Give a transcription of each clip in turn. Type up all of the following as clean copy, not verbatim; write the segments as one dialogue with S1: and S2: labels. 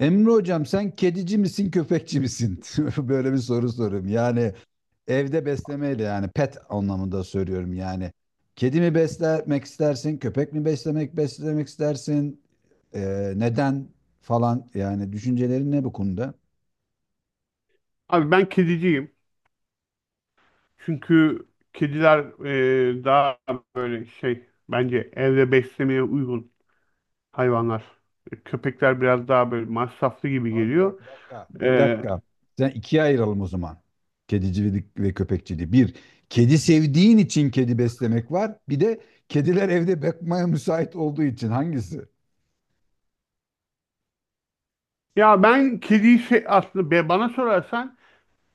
S1: Emre hocam sen kedici misin köpekçi misin? Böyle bir soru soruyorum. Yani evde beslemeyle yani pet anlamında söylüyorum yani. Kedi mi beslemek istersin? Köpek mi beslemek istersin? Neden falan yani düşüncelerin ne bu konuda?
S2: Abi ben kediciyim. Çünkü kediler daha böyle şey bence evde beslemeye uygun hayvanlar. Köpekler biraz daha böyle masraflı gibi
S1: Abi bak
S2: geliyor.
S1: bir dakika. Bir
S2: Ee,
S1: dakika. Sen ikiye ayıralım o zaman. Kedicilik ve köpekçiliği. Bir, kedi sevdiğin için kedi beslemek var. Bir de kediler evde bakmaya müsait olduğu için hangisi?
S2: Ya, ben aslında bana sorarsan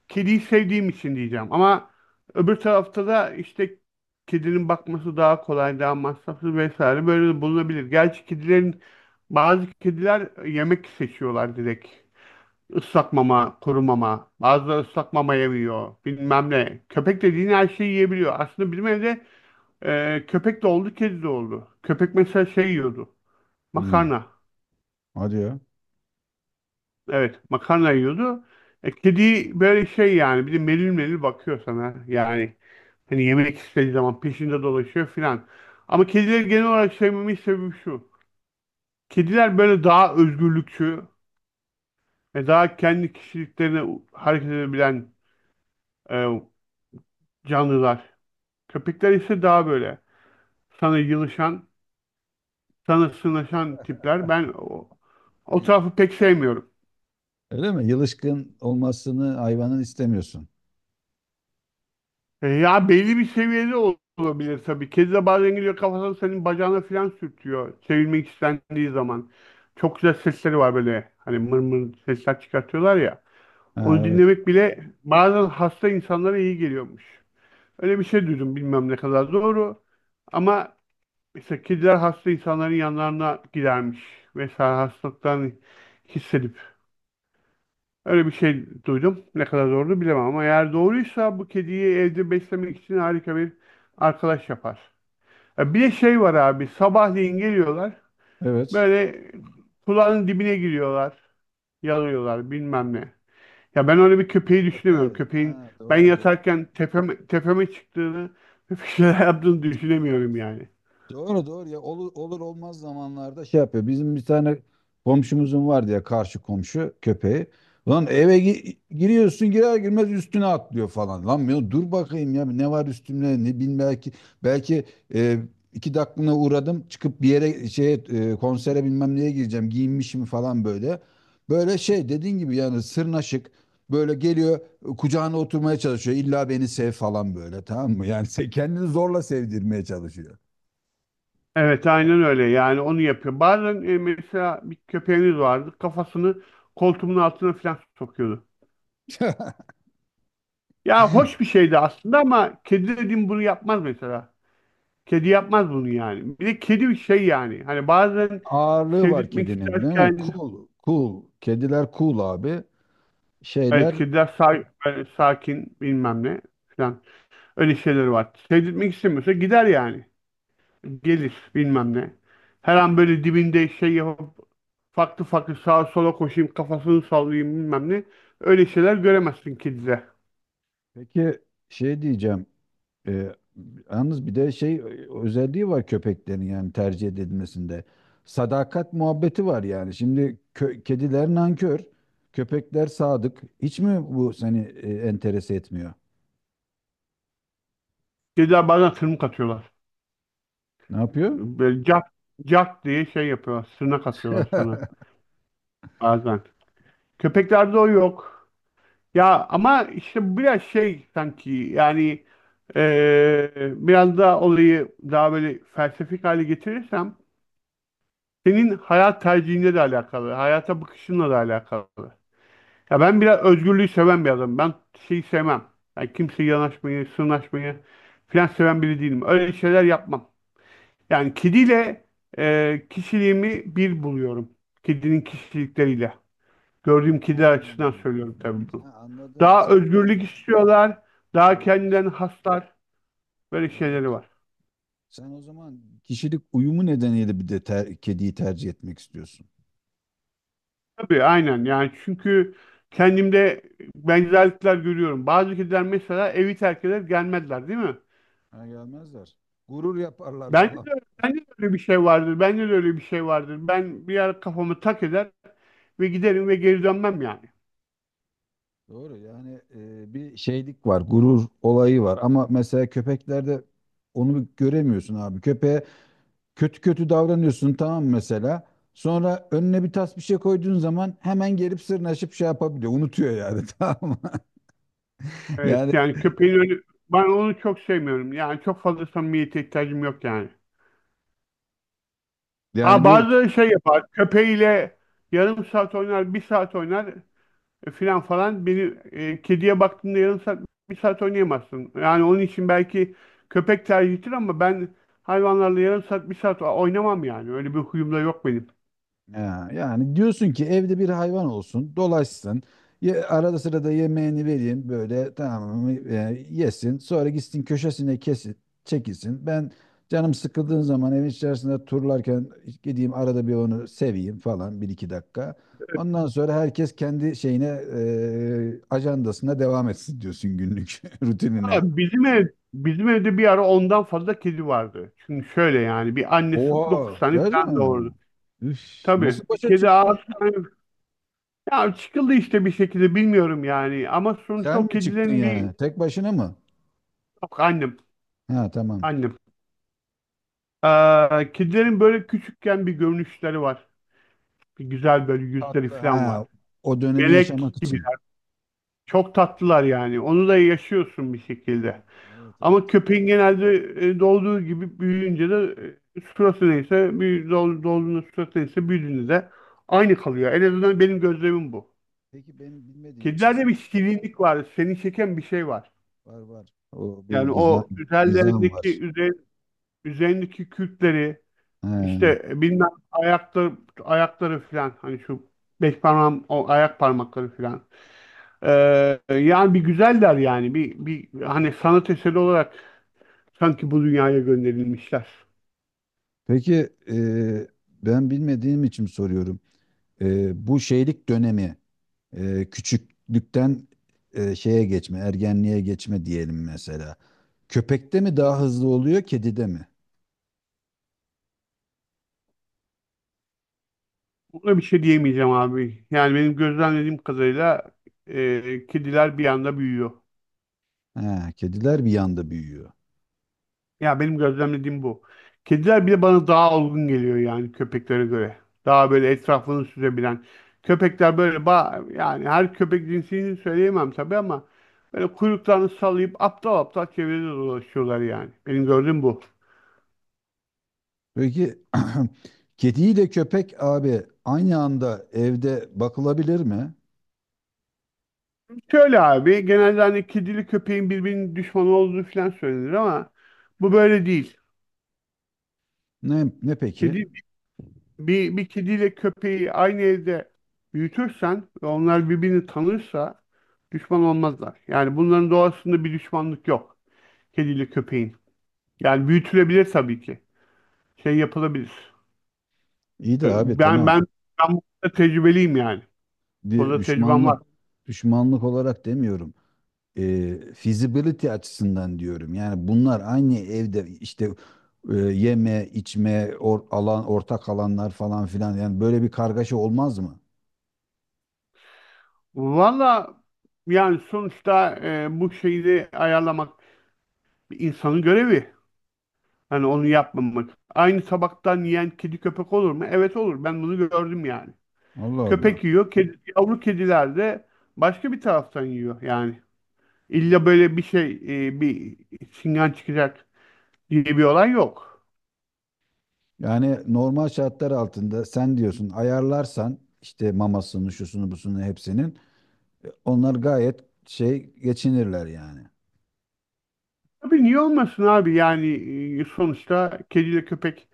S2: kediyi sevdiğim için diyeceğim. Ama öbür tarafta da işte kedinin bakması daha kolay, daha masraflı vesaire böyle de bulunabilir. Gerçi bazı kediler yemek seçiyorlar direkt. Islak mama, kuru mama. Bazıları ıslak mama yemiyor. Bilmem ne. Köpek dediğin her şeyi yiyebiliyor. Aslında bizim evde köpek de oldu, kedi de oldu. Köpek mesela şey yiyordu.
S1: Hmm,
S2: Makarna.
S1: hadi ya.
S2: Evet, makarna yiyordu. Kedi böyle şey yani, bir de melil melil bakıyor sana. Yani hani yemek istediği zaman peşinde dolaşıyor filan. Ama kedileri genel olarak sevmemin sebebi şu. Kediler böyle daha özgürlükçü ve daha kendi kişiliklerine hareket edebilen e, canlılar. Köpekler ise daha böyle sana yılışan, sana sığınaşan tipler. Ben o tarafı pek sevmiyorum.
S1: Öyle mi? Yılışkın olmasını hayvanın istemiyorsun.
S2: Ya, belli bir seviyede olabilir tabii. Kedi de bazen gidiyor, kafasını senin bacağına falan sürtüyor. Sevilmek istendiği zaman. Çok güzel sesleri var böyle. Hani mır mır sesler çıkartıyorlar ya.
S1: Ha,
S2: Onu
S1: evet.
S2: dinlemek bile bazen hasta insanlara iyi geliyormuş. Öyle bir şey duydum, bilmem ne kadar doğru. Ama işte kediler hasta insanların yanlarına gidermiş. Mesela hastalıktan hissedip. Öyle bir şey duydum. Ne kadar doğru bilemem ama eğer doğruysa bu kediyi evde beslemek için harika bir arkadaş yapar. Bir de şey var abi. Sabahleyin geliyorlar.
S1: Evet.
S2: Böyle kulağının dibine giriyorlar. Yalıyorlar, bilmem ne. Ya ben öyle bir köpeği düşünemiyorum.
S1: Köpeğe.
S2: Köpeğin
S1: Ha,
S2: ben
S1: doğru doğru.
S2: yatarken tepeme, tepeme çıktığını bir şeyler yaptığını
S1: Sinir olur.
S2: düşünemiyorum yani.
S1: Doğru doğru ya olur, olur olmaz zamanlarda şey yapıyor. Bizim bir tane komşumuzun var diye karşı komşu köpeği. Lan eve giriyorsun girer girmez üstüne atlıyor falan. Lan ya dur bakayım ya ne var üstümde ne bilmem belki e, iki dakikalığına uğradım çıkıp bir yere şeye konsere bilmem neye gireceğim giyinmişim falan böyle. Böyle şey dediğin gibi yani sırnaşık böyle geliyor kucağına oturmaya çalışıyor. İlla beni sev falan böyle tamam mı? Yani sen kendini zorla sevdirmeye çalışıyor.
S2: Evet, aynen öyle yani, onu yapıyor. Bazen mesela bir köpeğiniz vardı, kafasını koltuğumun altına falan sokuyordu. Ya hoş bir şeydi aslında ama kedi dediğim bunu yapmaz mesela. Kedi yapmaz bunu yani. Bir de kedi bir şey yani. Hani bazen
S1: Ağırlığı var
S2: sevdirtmek
S1: kedinin değil mi?
S2: isterken,
S1: Cool, cool. Kediler cool abi.
S2: evet,
S1: Şeyler
S2: kediler böyle sakin bilmem ne falan, öyle şeyler var. Sevdirtmek istemiyorsa gider yani. Gelir bilmem ne. Her an böyle dibinde şey yapıp farklı farklı sağa sola koşayım, kafasını sallayayım, bilmem ne. Öyle şeyler göremezsin kedide.
S1: peki şey diyeceğim. e, Yalnız bir de şey özelliği var köpeklerin yani tercih edilmesinde. Sadakat muhabbeti var yani. Şimdi kediler nankör, köpekler sadık. Hiç mi bu seni enterese etmiyor?
S2: Kediler bazen tırmık atıyorlar.
S1: Ne yapıyor?
S2: Böyle cak, cak diye şey yapıyorlar. Sırnak atıyorlar sana bazen. Köpeklerde o yok. Ya ama işte biraz şey sanki, yani biraz daha olayı daha böyle felsefik hale getirirsem, senin hayat tercihinle de alakalı. Hayata bakışınla da alakalı. Ya ben biraz özgürlüğü seven bir adamım. Ben şeyi sevmem. Yani kimseye yanaşmayı, sırnaşmayı falan seven biri değilim. Öyle şeyler yapmam. Yani kediyle, kişiliğimi bir buluyorum. Kedinin kişilikleriyle. Gördüğüm kediler açısından
S1: Hmm.
S2: söylüyorum tabii bunu.
S1: Ha, anladım.
S2: Daha
S1: Sen
S2: özgürlük istiyorlar. Daha
S1: evet,
S2: kendilerini haslar. Böyle şeyleri
S1: evet.
S2: var.
S1: Sen o zaman kişilik uyumu nedeniyle bir de kediyi tercih etmek istiyorsun.
S2: Tabii, aynen yani, çünkü kendimde benzerlikler görüyorum. Bazı kediler mesela evi terk eder gelmezler değil mi?
S1: Ha gelmezler. Gurur yaparlar
S2: Bence
S1: falan.
S2: de, bence de öyle bir şey vardır. Bence de öyle bir şey vardır. Ben bir ara kafamı tak eder ve giderim ve geri dönmem yani.
S1: Doğru yani bir şeylik var, gurur olayı var. Ama mesela köpeklerde onu göremiyorsun abi. Köpeğe kötü kötü davranıyorsun tamam mı mesela. Sonra önüne bir tas bir şey koyduğun zaman hemen gelip sırnaşıp şey yapabiliyor. Unutuyor yani tamam mı?
S2: Evet
S1: Yani
S2: yani köpeğin önü, ben onu çok sevmiyorum. Yani çok fazla samimiyete ihtiyacım yok yani.
S1: yani
S2: Ha,
S1: bir
S2: bazı şey yapar. Köpeğiyle yarım saat oynar, bir saat oynar, filan falan. Beni, kediye baktığında yarım saat, bir saat oynayamazsın. Yani onun için belki köpek tercihtir ama ben hayvanlarla yarım saat, bir saat oynamam yani. Öyle bir huyum da yok benim.
S1: Ya, yani diyorsun ki evde bir hayvan olsun, dolaşsın. Ye, arada sırada yemeğini vereyim böyle tamam mı, yesin. Sonra gitsin köşesine kesin, çekilsin. Ben canım sıkıldığın zaman evin içerisinde turlarken gideyim arada bir onu seveyim falan bir iki dakika. Ondan sonra herkes kendi şeyine ajandasına devam etsin diyorsun günlük
S2: Ha,
S1: rutinine.
S2: bizim evde bir ara 10'dan fazla kedi vardı. Şimdi şöyle yani, bir annesi 9
S1: Oo,
S2: tane falan
S1: canım.
S2: doğurdu.
S1: Üf, nasıl
S2: Tabii bir
S1: başa
S2: kedi
S1: çıktın ya?
S2: 6 tane. Ya çıkıldı işte bir şekilde, bilmiyorum yani. Ama sonuçta
S1: Sen
S2: o
S1: mi çıktın
S2: kedilerin bir...
S1: yani? Tek başına mı?
S2: Yok, annem.
S1: Ha tamam.
S2: Annem. Kedilerin böyle küçükken bir görünüşleri var. Bir güzel böyle yüzleri
S1: Tatlı.
S2: falan
S1: Ha,
S2: var.
S1: o dönemi
S2: Melek
S1: yaşamak
S2: gibi.
S1: için.
S2: Çok tatlılar yani. Onu da yaşıyorsun bir şekilde.
S1: Ha, evet
S2: Ama
S1: evet.
S2: köpeğin genelde doğduğu gibi büyüyünce de suratı neyse, doğduğunda suratı neyse, büyüdüğünde de aynı kalıyor. En azından benim gözlemim bu.
S1: Peki benim bilmediğim için
S2: Kedilerde bir şirinlik var. Seni çeken bir şey var.
S1: var var. O bir
S2: Yani
S1: gizem
S2: o
S1: gizem var.
S2: üzerindeki kürkleri,
S1: Ha.
S2: işte bilmem ayakları, ayakları filan, hani şu beş parmağım, o ayak parmakları filan. Ee, Yani bir güzeller yani, bir hani sanat eseri olarak sanki bu dünyaya gönderilmişler.
S1: Peki e, ben bilmediğim için soruyorum. Bu şeylik dönemi küçüklükten şeye geçme, ergenliğe geçme diyelim mesela. Köpekte mi
S2: Hı
S1: daha hızlı oluyor, kedide mi?
S2: Buna bir şey diyemeyeceğim abi. Yani benim gözlemlediğim kadarıyla kediler bir anda büyüyor.
S1: Ha, kediler bir yanda büyüyor.
S2: Ya benim gözlemlediğim bu. Kediler bile bana daha olgun geliyor yani, köpeklere göre. Daha böyle etrafını süzebilen. Köpekler böyle yani her köpek cinsini söyleyemem tabii, ama böyle kuyruklarını sallayıp aptal aptal çevrede dolaşıyorlar yani. Benim gördüğüm bu.
S1: Peki kediyle köpek abi aynı anda evde bakılabilir mi?
S2: Şöyle abi, genelde hani kedili köpeğin birbirinin düşmanı olduğu falan söylenir ama bu böyle değil.
S1: Ne ne peki?
S2: Kedi bir kediyle köpeği aynı evde büyütürsen ve onlar birbirini tanırsa düşman olmazlar. Yani bunların doğasında bir düşmanlık yok. Kediyle köpeğin. Yani büyütülebilir tabii ki. Şey yapılabilir.
S1: İyi de
S2: Ee,
S1: abi
S2: Ben
S1: tamam.
S2: ben ben bu konuda tecrübeliyim yani. Bu
S1: Bir
S2: konuda tecrübem var.
S1: düşmanlık düşmanlık olarak demiyorum. Feasibility açısından diyorum. Yani bunlar aynı evde işte yeme, içme, alan ortak alanlar falan filan. Yani böyle bir kargaşa olmaz mı?
S2: Valla, yani sonuçta bu şeyi de ayarlamak bir insanın görevi. Hani onu yapmamak. Aynı tabaktan yiyen kedi köpek olur mu? Evet olur. Ben bunu gördüm yani.
S1: Allah Allah.
S2: Köpek yiyor. Kedi, yavru kediler de başka bir taraftan yiyor. Yani illa böyle bir şey, bir çingen çıkacak diye bir olay yok.
S1: Yani normal şartlar altında sen diyorsun ayarlarsan işte mamasını, şusunu, busunu hepsinin. Onlar gayet şey geçinirler yani.
S2: Tabii, niye olmasın abi? Yani sonuçta kediyle köpek,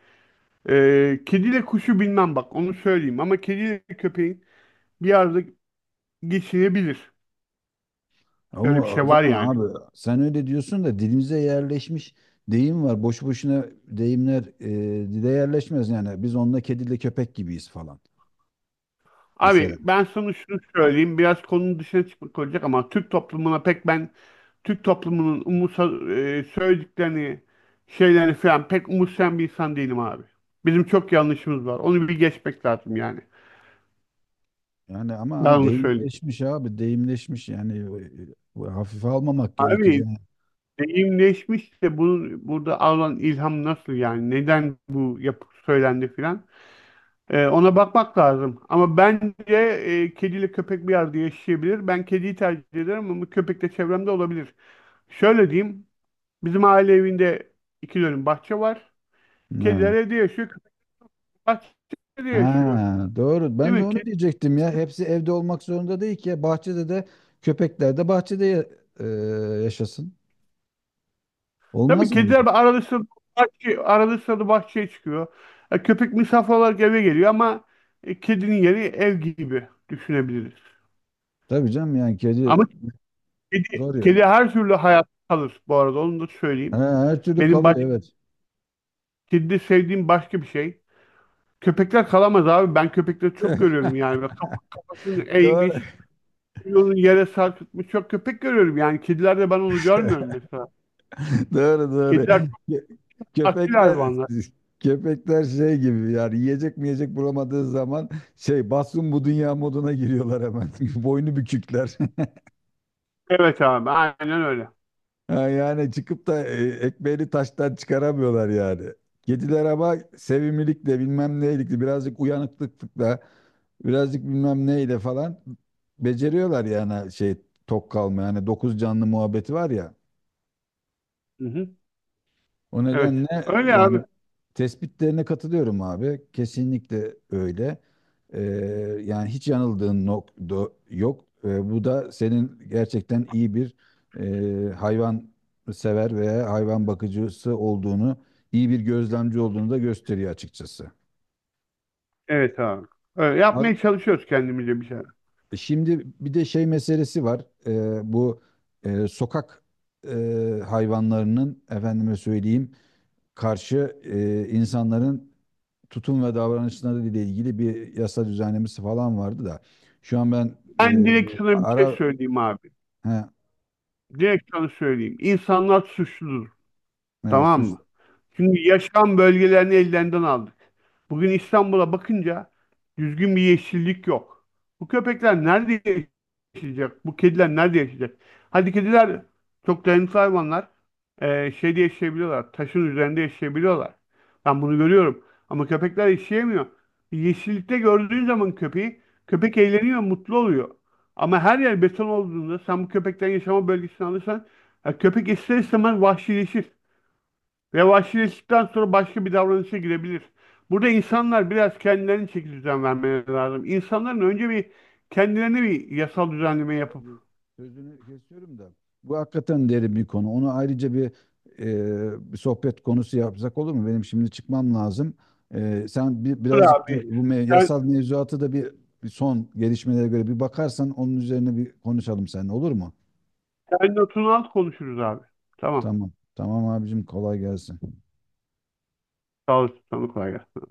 S2: kediyle kuşu bilmem, bak onu söyleyeyim, ama kediyle köpeğin bir arada geçinebilir. Böyle bir
S1: Ama o
S2: şey var
S1: zaman
S2: yani.
S1: abi sen öyle diyorsun da dilimize yerleşmiş deyim var. Boş boşuna deyimler dile yerleşmez yani. Biz onunla kediyle köpek gibiyiz falan.
S2: Abi
S1: Mesela
S2: ben sana şunu söyleyeyim. Biraz konunun dışına çıkmak olacak ama Türk toplumuna pek ben Türk toplumunun söylediklerini, şeylerini falan pek umursayan bir insan değilim abi. Bizim çok yanlışımız var. Onu bir geçmek lazım yani.
S1: yani
S2: Ben
S1: ama
S2: onu söyleyeyim.
S1: deyimleşmiş abi deyimleşmiş yani hafife almamak gerekir
S2: Abi
S1: yani.
S2: deyimleşmiş de bunun burada alınan ilham nasıl yani? Neden bu yapı söylendi filan? Ona bakmak lazım. Ama bence kediyle köpek bir arada yaşayabilir. Ben kediyi tercih ederim ama köpek de çevremde olabilir. Şöyle diyeyim. Bizim aile evinde 2 dönüm bahçe var. Kediler
S1: Ha.
S2: evde yaşıyor. Köpekler bahçede yaşıyor.
S1: Ha, doğru.
S2: Değil
S1: Ben
S2: mi?
S1: de onu diyecektim ya. Hepsi evde olmak zorunda değil ki. Ya. Bahçede de köpekler de bahçede e, yaşasın.
S2: Tabii
S1: Olmaz mı yani?
S2: kediler arada sırada bahçeye çıkıyor. Köpek misafir olarak eve geliyor ama kedinin yeri ev gibi düşünebiliriz.
S1: Tabii canım yani kedi.
S2: Ama kedi,
S1: Doğru.
S2: kedi her türlü hayat kalır bu arada, onu da
S1: Ha,
S2: söyleyeyim.
S1: her türlü
S2: Benim
S1: kalıyor
S2: baş,
S1: evet.
S2: Kedide sevdiğim başka bir şey. Köpekler kalamaz abi. Ben köpekleri çok görüyorum yani. Böyle kafasını
S1: Doğru,
S2: eğmiş, yolu yere sarkıtmış çok köpek görüyorum. Yani kedilerde ben onu görmüyorum mesela.
S1: doğru, doğru.
S2: Kediler çok
S1: Kö-
S2: asil
S1: Köpekler
S2: hayvanlar.
S1: köpekler şey gibi yani yiyecek mi yiyecek bulamadığı zaman şey batsın bu dünya moduna giriyorlar hemen. Boynu bükükler.
S2: Evet abi, aynen öyle.
S1: Ha, yani çıkıp da ekmeğini taştan çıkaramıyorlar yani. Kediler ama sevimlilikle bilmem neylikle birazcık uyanıklıkla birazcık bilmem neyle falan beceriyorlar yani şey tok kalma yani dokuz canlı muhabbeti var ya.
S2: Hı hı.
S1: O
S2: Evet.
S1: nedenle
S2: Öyle abi.
S1: yani tespitlerine katılıyorum abi. Kesinlikle öyle. Ee, Yani hiç yanıldığın nokta yok. Bu da senin gerçekten iyi bir hayvan sever veya hayvan bakıcısı olduğunu, iyi bir gözlemci olduğunu da gösteriyor açıkçası.
S2: Evet abi. Öyle
S1: Abi
S2: yapmaya çalışıyoruz kendimize bir şeyler.
S1: şimdi bir de şey meselesi var. Bu sokak hayvanlarının efendime söyleyeyim karşı insanların tutum ve davranışları ile ilgili bir yasa düzenlemesi falan vardı da şu an ben
S2: Ben
S1: e,
S2: direkt sana bir şey
S1: ara
S2: söyleyeyim abi.
S1: he,
S2: Direkt sana söyleyeyim. İnsanlar suçludur.
S1: he,
S2: Tamam
S1: suç
S2: mı? Şimdi yaşam bölgelerini ellerinden aldık. Bugün İstanbul'a bakınca düzgün bir yeşillik yok. Bu köpekler nerede yaşayacak? Bu kediler nerede yaşayacak? Hadi, kediler çok dayanıklı hayvanlar. Şeyde yaşayabiliyorlar. Taşın üzerinde yaşayabiliyorlar. Ben bunu görüyorum. Ama köpekler yaşayamıyor. Yeşillikte gördüğün zaman köpeği, köpek eğleniyor, mutlu oluyor. Ama her yer beton olduğunda sen bu köpekten yaşama bölgesini alırsan, ya köpek ister istemez vahşileşir. Ve vahşileştikten sonra başka bir davranışa girebilir. Burada insanlar biraz kendilerine çeki düzen vermeleri lazım. İnsanların önce bir kendilerine bir yasal düzenleme yapıp.
S1: sözünü kesiyorum da bu hakikaten derin bir konu. Onu ayrıca bir, bir sohbet konusu yapsak olur mu? Benim şimdi çıkmam lazım. E, sen bir,
S2: Dur
S1: birazcık da
S2: abi.
S1: bu
S2: Sen,
S1: yasal mevzuatı da bir, bir son gelişmelere göre bir bakarsan onun üzerine bir konuşalım seninle olur mu?
S2: sen notunu al, konuşuruz abi. Tamam.
S1: Tamam. Tamam abicim kolay gelsin.
S2: Sağ olasın. Sana kolay gelsin.